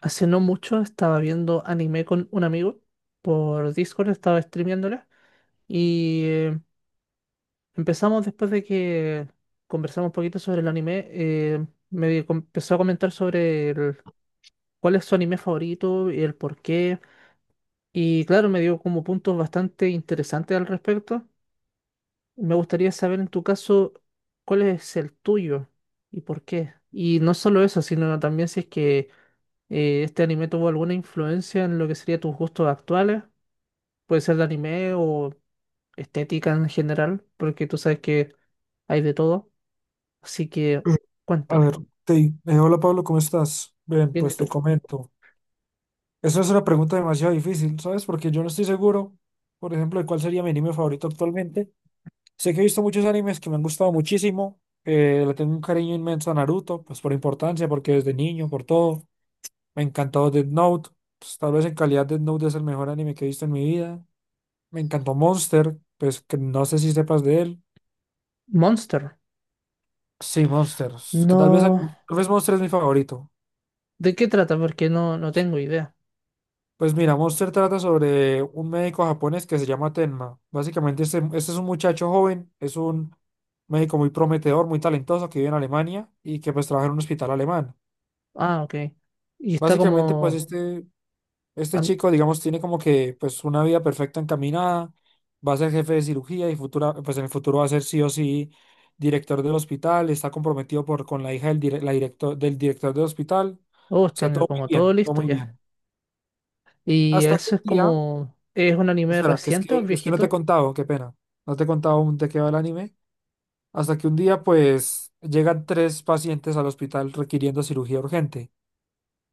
Hace no mucho estaba viendo anime con un amigo por Discord, estaba streameándola y empezamos después de que conversamos un poquito sobre el anime, empezó a comentar sobre cuál es su anime favorito y el por qué. Y claro, me dio como puntos bastante interesantes al respecto. Me gustaría saber en tu caso cuál es el tuyo y por qué. Y no solo eso, sino también si es que este anime tuvo alguna influencia en lo que sería tus gustos actuales. Puede ser de anime o estética en general, porque tú sabes que hay de todo. Así que Eh, A cuéntame, ver, Hola Pablo, ¿cómo estás? Bien, viene pues te tú. comento. Esa es una pregunta demasiado difícil, ¿sabes? Porque yo no estoy seguro, por ejemplo, de cuál sería mi anime favorito actualmente. Sé que he visto muchos animes que me han gustado muchísimo. Le tengo un cariño inmenso a Naruto, pues por importancia, porque desde niño, por todo. Me encantó Death Note. Pues, tal vez en calidad Death Note es el mejor anime que he visto en mi vida. Me encantó Monster, pues que no sé si sepas de él. Monster. Sí, Monster. Que No. tal vez Monster es mi favorito. ¿De qué trata? Porque no tengo idea. Pues mira, Monster trata sobre un médico japonés que se llama Tenma. Básicamente, este es un muchacho joven, es un médico muy prometedor, muy talentoso que vive en Alemania y que pues trabaja en un hospital alemán. Ah, ok. Y está Básicamente, pues como. este am- chico, digamos, tiene como que pues una vida perfecta encaminada, va a ser jefe de cirugía y futura, pues en el futuro va a ser sí o sí director del hospital, está comprometido por, con la hija del director del hospital. Oh, O sea, tiene todo muy como todo bien, todo listo muy ya. bien. Y Hasta que eso un es día... como. ¿Es un anime Espera, que es reciente o es que es que no te he viejito? contado, qué pena. No te he contado aún de qué va el anime. Hasta que un día, pues, llegan tres pacientes al hospital requiriendo cirugía urgente.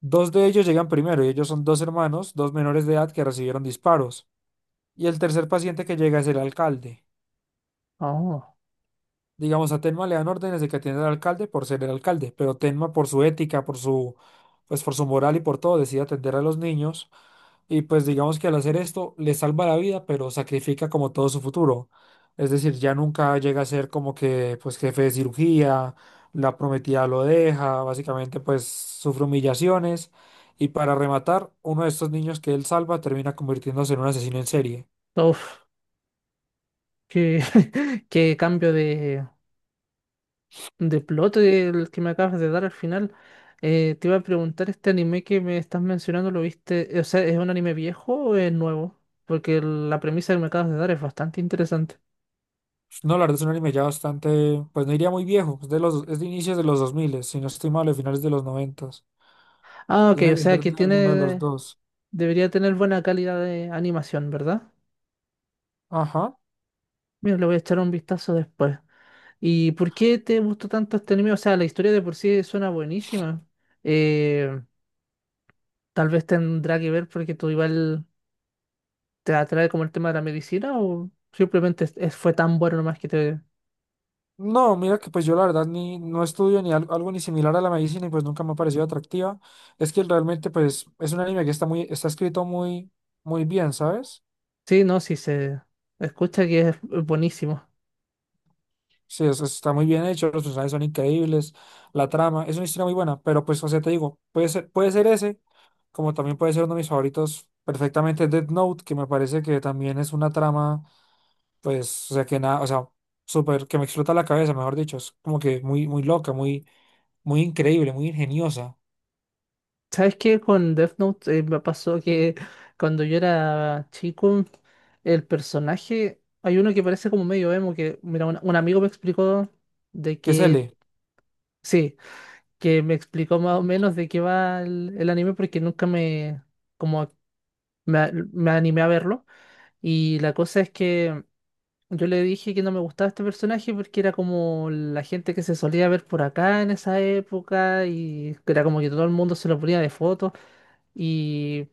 Dos de ellos llegan primero y ellos son dos hermanos, dos menores de edad que recibieron disparos. Y el tercer paciente que llega es el alcalde. Oh. Digamos, a Tenma le dan órdenes de que atienda al alcalde por ser el alcalde, pero Tenma por su ética, por su, pues, por su moral y por todo, decide atender a los niños. Y pues digamos que al hacer esto le salva la vida, pero sacrifica como todo su futuro. Es decir, ya nunca llega a ser como que pues jefe de cirugía, la prometida lo deja, básicamente pues sufre humillaciones. Y para rematar, uno de estos niños que él salva termina convirtiéndose en un asesino en serie. Uf. Qué, qué cambio de plot el que me acabas de dar al final. Te iba a preguntar, este anime que me estás mencionando, ¿lo viste? O sea, ¿es un anime viejo o es nuevo? Porque la premisa que me acabas de dar es bastante interesante. No, la verdad es un anime ya bastante, pues no iría muy viejo, es de los, es de inicios de los 2000, si no estoy mal, de finales de los 90. Ah, ok, Tiene o que sea ser que de alguno de los tiene, dos. debería tener buena calidad de animación, ¿verdad? Ajá. Mira, le voy a echar un vistazo después. ¿Y por qué te gustó tanto este anime? O sea, la historia de por sí suena buenísima. Eh, tal vez tendrá que ver porque tú igual ¿te atrae como el tema de la medicina o simplemente fue tan bueno nomás que te... No, mira que pues yo la verdad ni no estudio ni al- algo, ni similar a la medicina y pues nunca me ha parecido atractiva. Es que realmente pues es un anime que está muy, está escrito muy, muy bien, ¿sabes? Sí, no, sí se escucha que es buenísimo. Sí, es- está muy bien hecho, los personajes son increíbles, la trama, es una historia muy buena, pero pues, o sea, te digo, puede ser ese, como también puede ser uno de mis favoritos perfectamente, Death Note, que me parece que también es una trama, pues, o sea, que nada, o sea, súper, que me explota la cabeza, mejor dicho, es como que muy, muy loca, muy, muy increíble, muy ingeniosa. ¿Sabes qué? Con Death Note me pasó que cuando yo era chico, el personaje, hay uno que parece como medio emo, que, mira, un amigo me explicó de ¿Qué es que, lee? sí, que me explicó más o menos de qué va el anime porque nunca me, como, me animé a verlo. Y la cosa es que... Yo le dije que no me gustaba este personaje porque era como la gente que se solía ver por acá en esa época y que era como que todo el mundo se lo ponía de foto y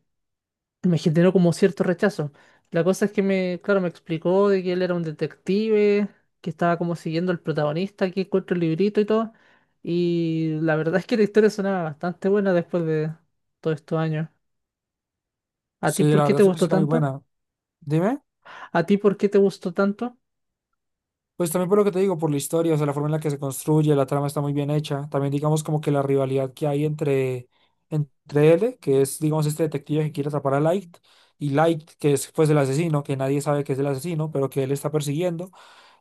me generó como cierto rechazo. La cosa es que me, claro, me explicó de que él era un detective, que estaba como siguiendo al protagonista, que encuentra el librito y todo. Y la verdad es que la historia sonaba bastante buena después de todos estos años. ¿A ti Sí, por la qué verdad te es una gustó historia muy tanto? buena. Dime, ¿A ti por qué te gustó tanto? pues también por lo que te digo, por la historia, o sea, la forma en la que se construye, la trama está muy bien hecha. También digamos como que la rivalidad que hay entre, entre él, que es digamos este detective que quiere atrapar a Light, y Light, que es pues el asesino, que nadie sabe que es el asesino, pero que él está persiguiendo.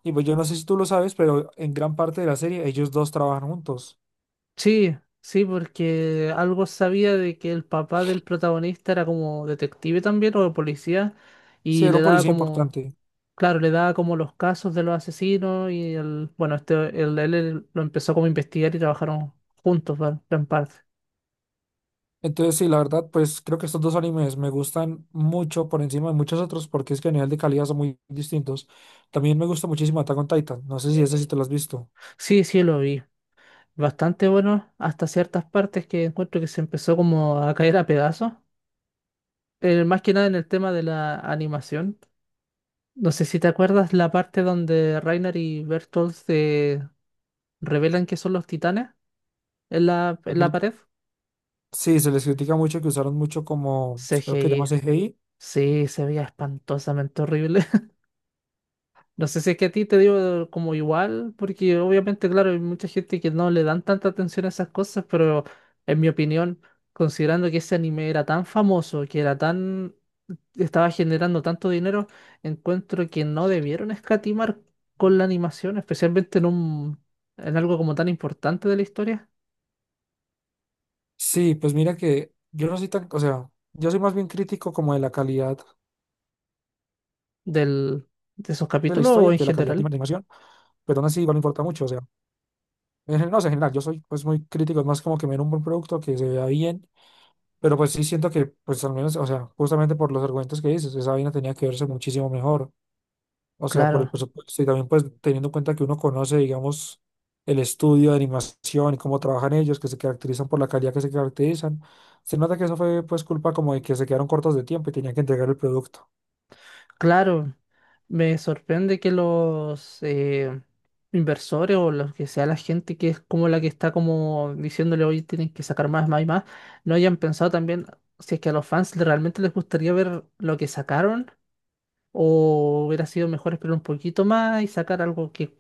Y pues yo no sé si tú lo sabes, pero en gran parte de la serie ellos dos trabajan juntos. Sí, sí, porque algo sabía de que el papá del protagonista era como detective también o policía Sí, y era le un daba policía como, importante. claro, le daba como los casos de los asesinos y el, bueno, este, el, él lo empezó como a investigar y trabajaron juntos, ¿vale? En parte. Entonces, sí, la verdad, pues creo que estos dos animes me gustan mucho por encima de muchos otros porque es que a nivel de calidad son muy distintos. También me gusta muchísimo Attack on Titan. No sé si ese sí te lo has visto. Sí, sí, lo vi. Bastante bueno hasta ciertas partes que encuentro que se empezó como a caer a pedazos. Más que nada en el tema de la animación. No sé si te acuerdas la parte donde Reiner y Bertolt se revelan que son los titanes en en la pared. Sí, se les critica mucho que usaron mucho como, pues, creo que llamas CGI. CGI. Sí, se veía espantosamente horrible. No sé si es que a ti te digo como igual, porque obviamente, claro, hay mucha gente que no le dan tanta atención a esas cosas, pero en mi opinión, considerando que ese anime era tan famoso, que era tan, estaba generando tanto dinero, encuentro que no debieron escatimar con la animación, especialmente en en algo como tan importante de la historia Sí, pues mira que yo no soy tan, o sea, yo soy más bien crítico como de la calidad del, de esos de la capítulos o historia en que de la calidad de la general. animación, pero aún así igual me importa mucho, o sea, en general, no sé, en general, yo soy pues muy crítico, es más como que me den un buen producto, que se vea bien. Pero pues sí siento que, pues al menos, o sea, justamente por los argumentos que dices, esa vaina tenía que verse muchísimo mejor. O sea, por el Claro. presupuesto y también pues teniendo en cuenta que uno conoce, digamos, el estudio de animación y cómo trabajan ellos, que se caracterizan por la calidad que se caracterizan. Se nota que eso fue pues culpa como de que se quedaron cortos de tiempo y tenían que entregar el producto. Claro, me sorprende que los inversores o los que sea la gente que es como la que está como diciéndole hoy tienen que sacar más, más y más, no hayan pensado también si es que a los fans realmente les gustaría ver lo que sacaron o hubiera sido mejor esperar un poquito más y sacar algo que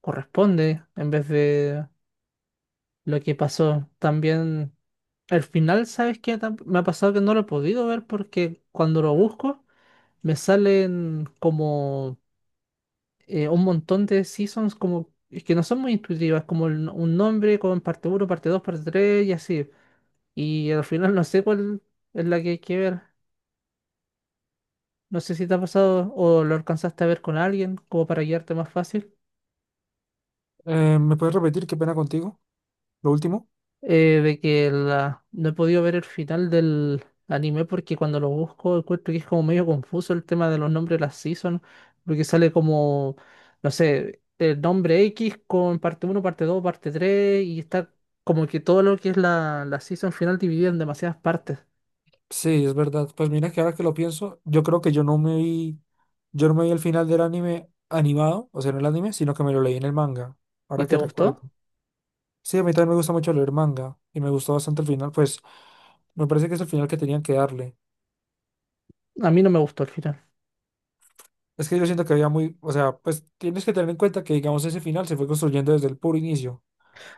corresponde en vez de lo que pasó. También al final, ¿sabes qué? Me ha pasado que no lo he podido ver porque cuando lo busco me salen como un montón de seasons como que no son muy intuitivas, como no, un nombre con parte uno parte 2 parte 3 y así. Y al final no sé cuál es la que hay que ver. No sé si te ha pasado o lo alcanzaste a ver con alguien, como para guiarte más fácil. ¿Me puedes repetir qué pena contigo? Lo último. No he podido ver el final del anime porque cuando lo busco encuentro que es como medio confuso el tema de los nombres de las seasons, porque sale como, no sé, el nombre X con parte uno parte 2 parte 3 y está como que todo lo que es la season final dividida en demasiadas partes. Sí, es verdad. Pues mira que ahora que lo pienso, yo creo que yo no me vi el final del anime animado, o sea, no el anime, sino que me lo leí en el manga, ¿Y ahora te que recuerdo. gustó? Sí, a mí también me gusta mucho leer manga y me gustó bastante el final, pues me parece que es el final que tenían que darle. A mí no me gustó el final. Es que yo siento que había muy, o sea, pues tienes que tener en cuenta que, digamos, ese final se fue construyendo desde el puro inicio.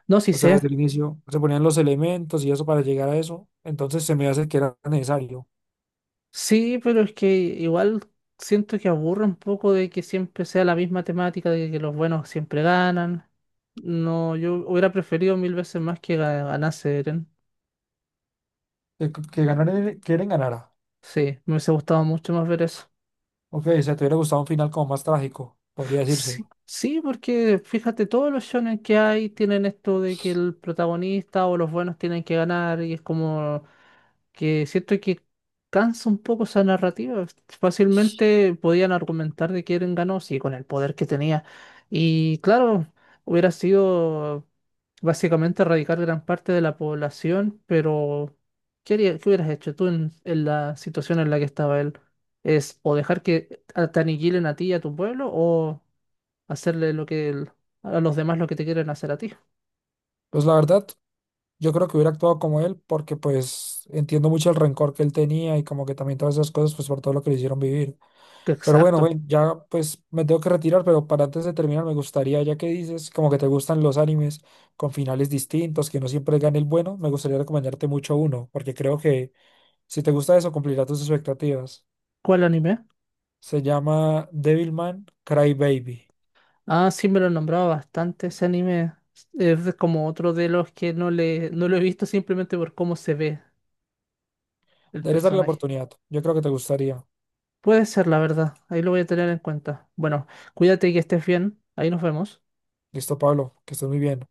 No, sí O sea, sé. desde el inicio se ponían los elementos y eso para llegar a eso. Entonces se me hace que era necesario Sí, pero es que igual siento que aburre un poco de que siempre sea la misma temática, de que los buenos siempre ganan. No, yo hubiera preferido mil veces más que ganase Eren. Que Eren ganara. Sí, me hubiese gustado mucho más ver eso. Ok, o sea, te hubiera gustado un final como más trágico, podría decirse. Sí, sí, porque fíjate, todos los shonen que hay tienen esto de que el protagonista o los buenos tienen que ganar y es como que siento que cansa un poco esa narrativa. Fácilmente podían argumentar de quién ganó, sí, con el poder que tenía. Y claro, hubiera sido básicamente erradicar gran parte de la población, pero ¿qué hubieras hecho tú en la situación en la que estaba él? ¿Es o dejar que te aniquilen a ti y a tu pueblo o hacerle lo que a los demás lo que te quieren hacer a ti? Pues la verdad, yo creo que hubiera actuado como él porque pues entiendo mucho el rencor que él tenía y como que también todas esas cosas pues por todo lo que le hicieron vivir. Pero bueno, Exacto. ven, ya pues me tengo que retirar, pero para antes de terminar me gustaría, ya que dices como que te gustan los animes con finales distintos, que no siempre gane el bueno, me gustaría recomendarte mucho uno, porque creo que si te gusta eso cumplirá tus expectativas. ¿Cuál anime? Se llama Devilman Crybaby. Ah, sí, me lo nombraba bastante ese anime. Es como otro de los que no lo he visto simplemente por cómo se ve el Deberías darle la personaje. oportunidad, yo creo que te gustaría. Puede ser, la verdad. Ahí lo voy a tener en cuenta. Bueno, cuídate y que estés bien. Ahí nos vemos. Listo, Pablo, que estés muy bien.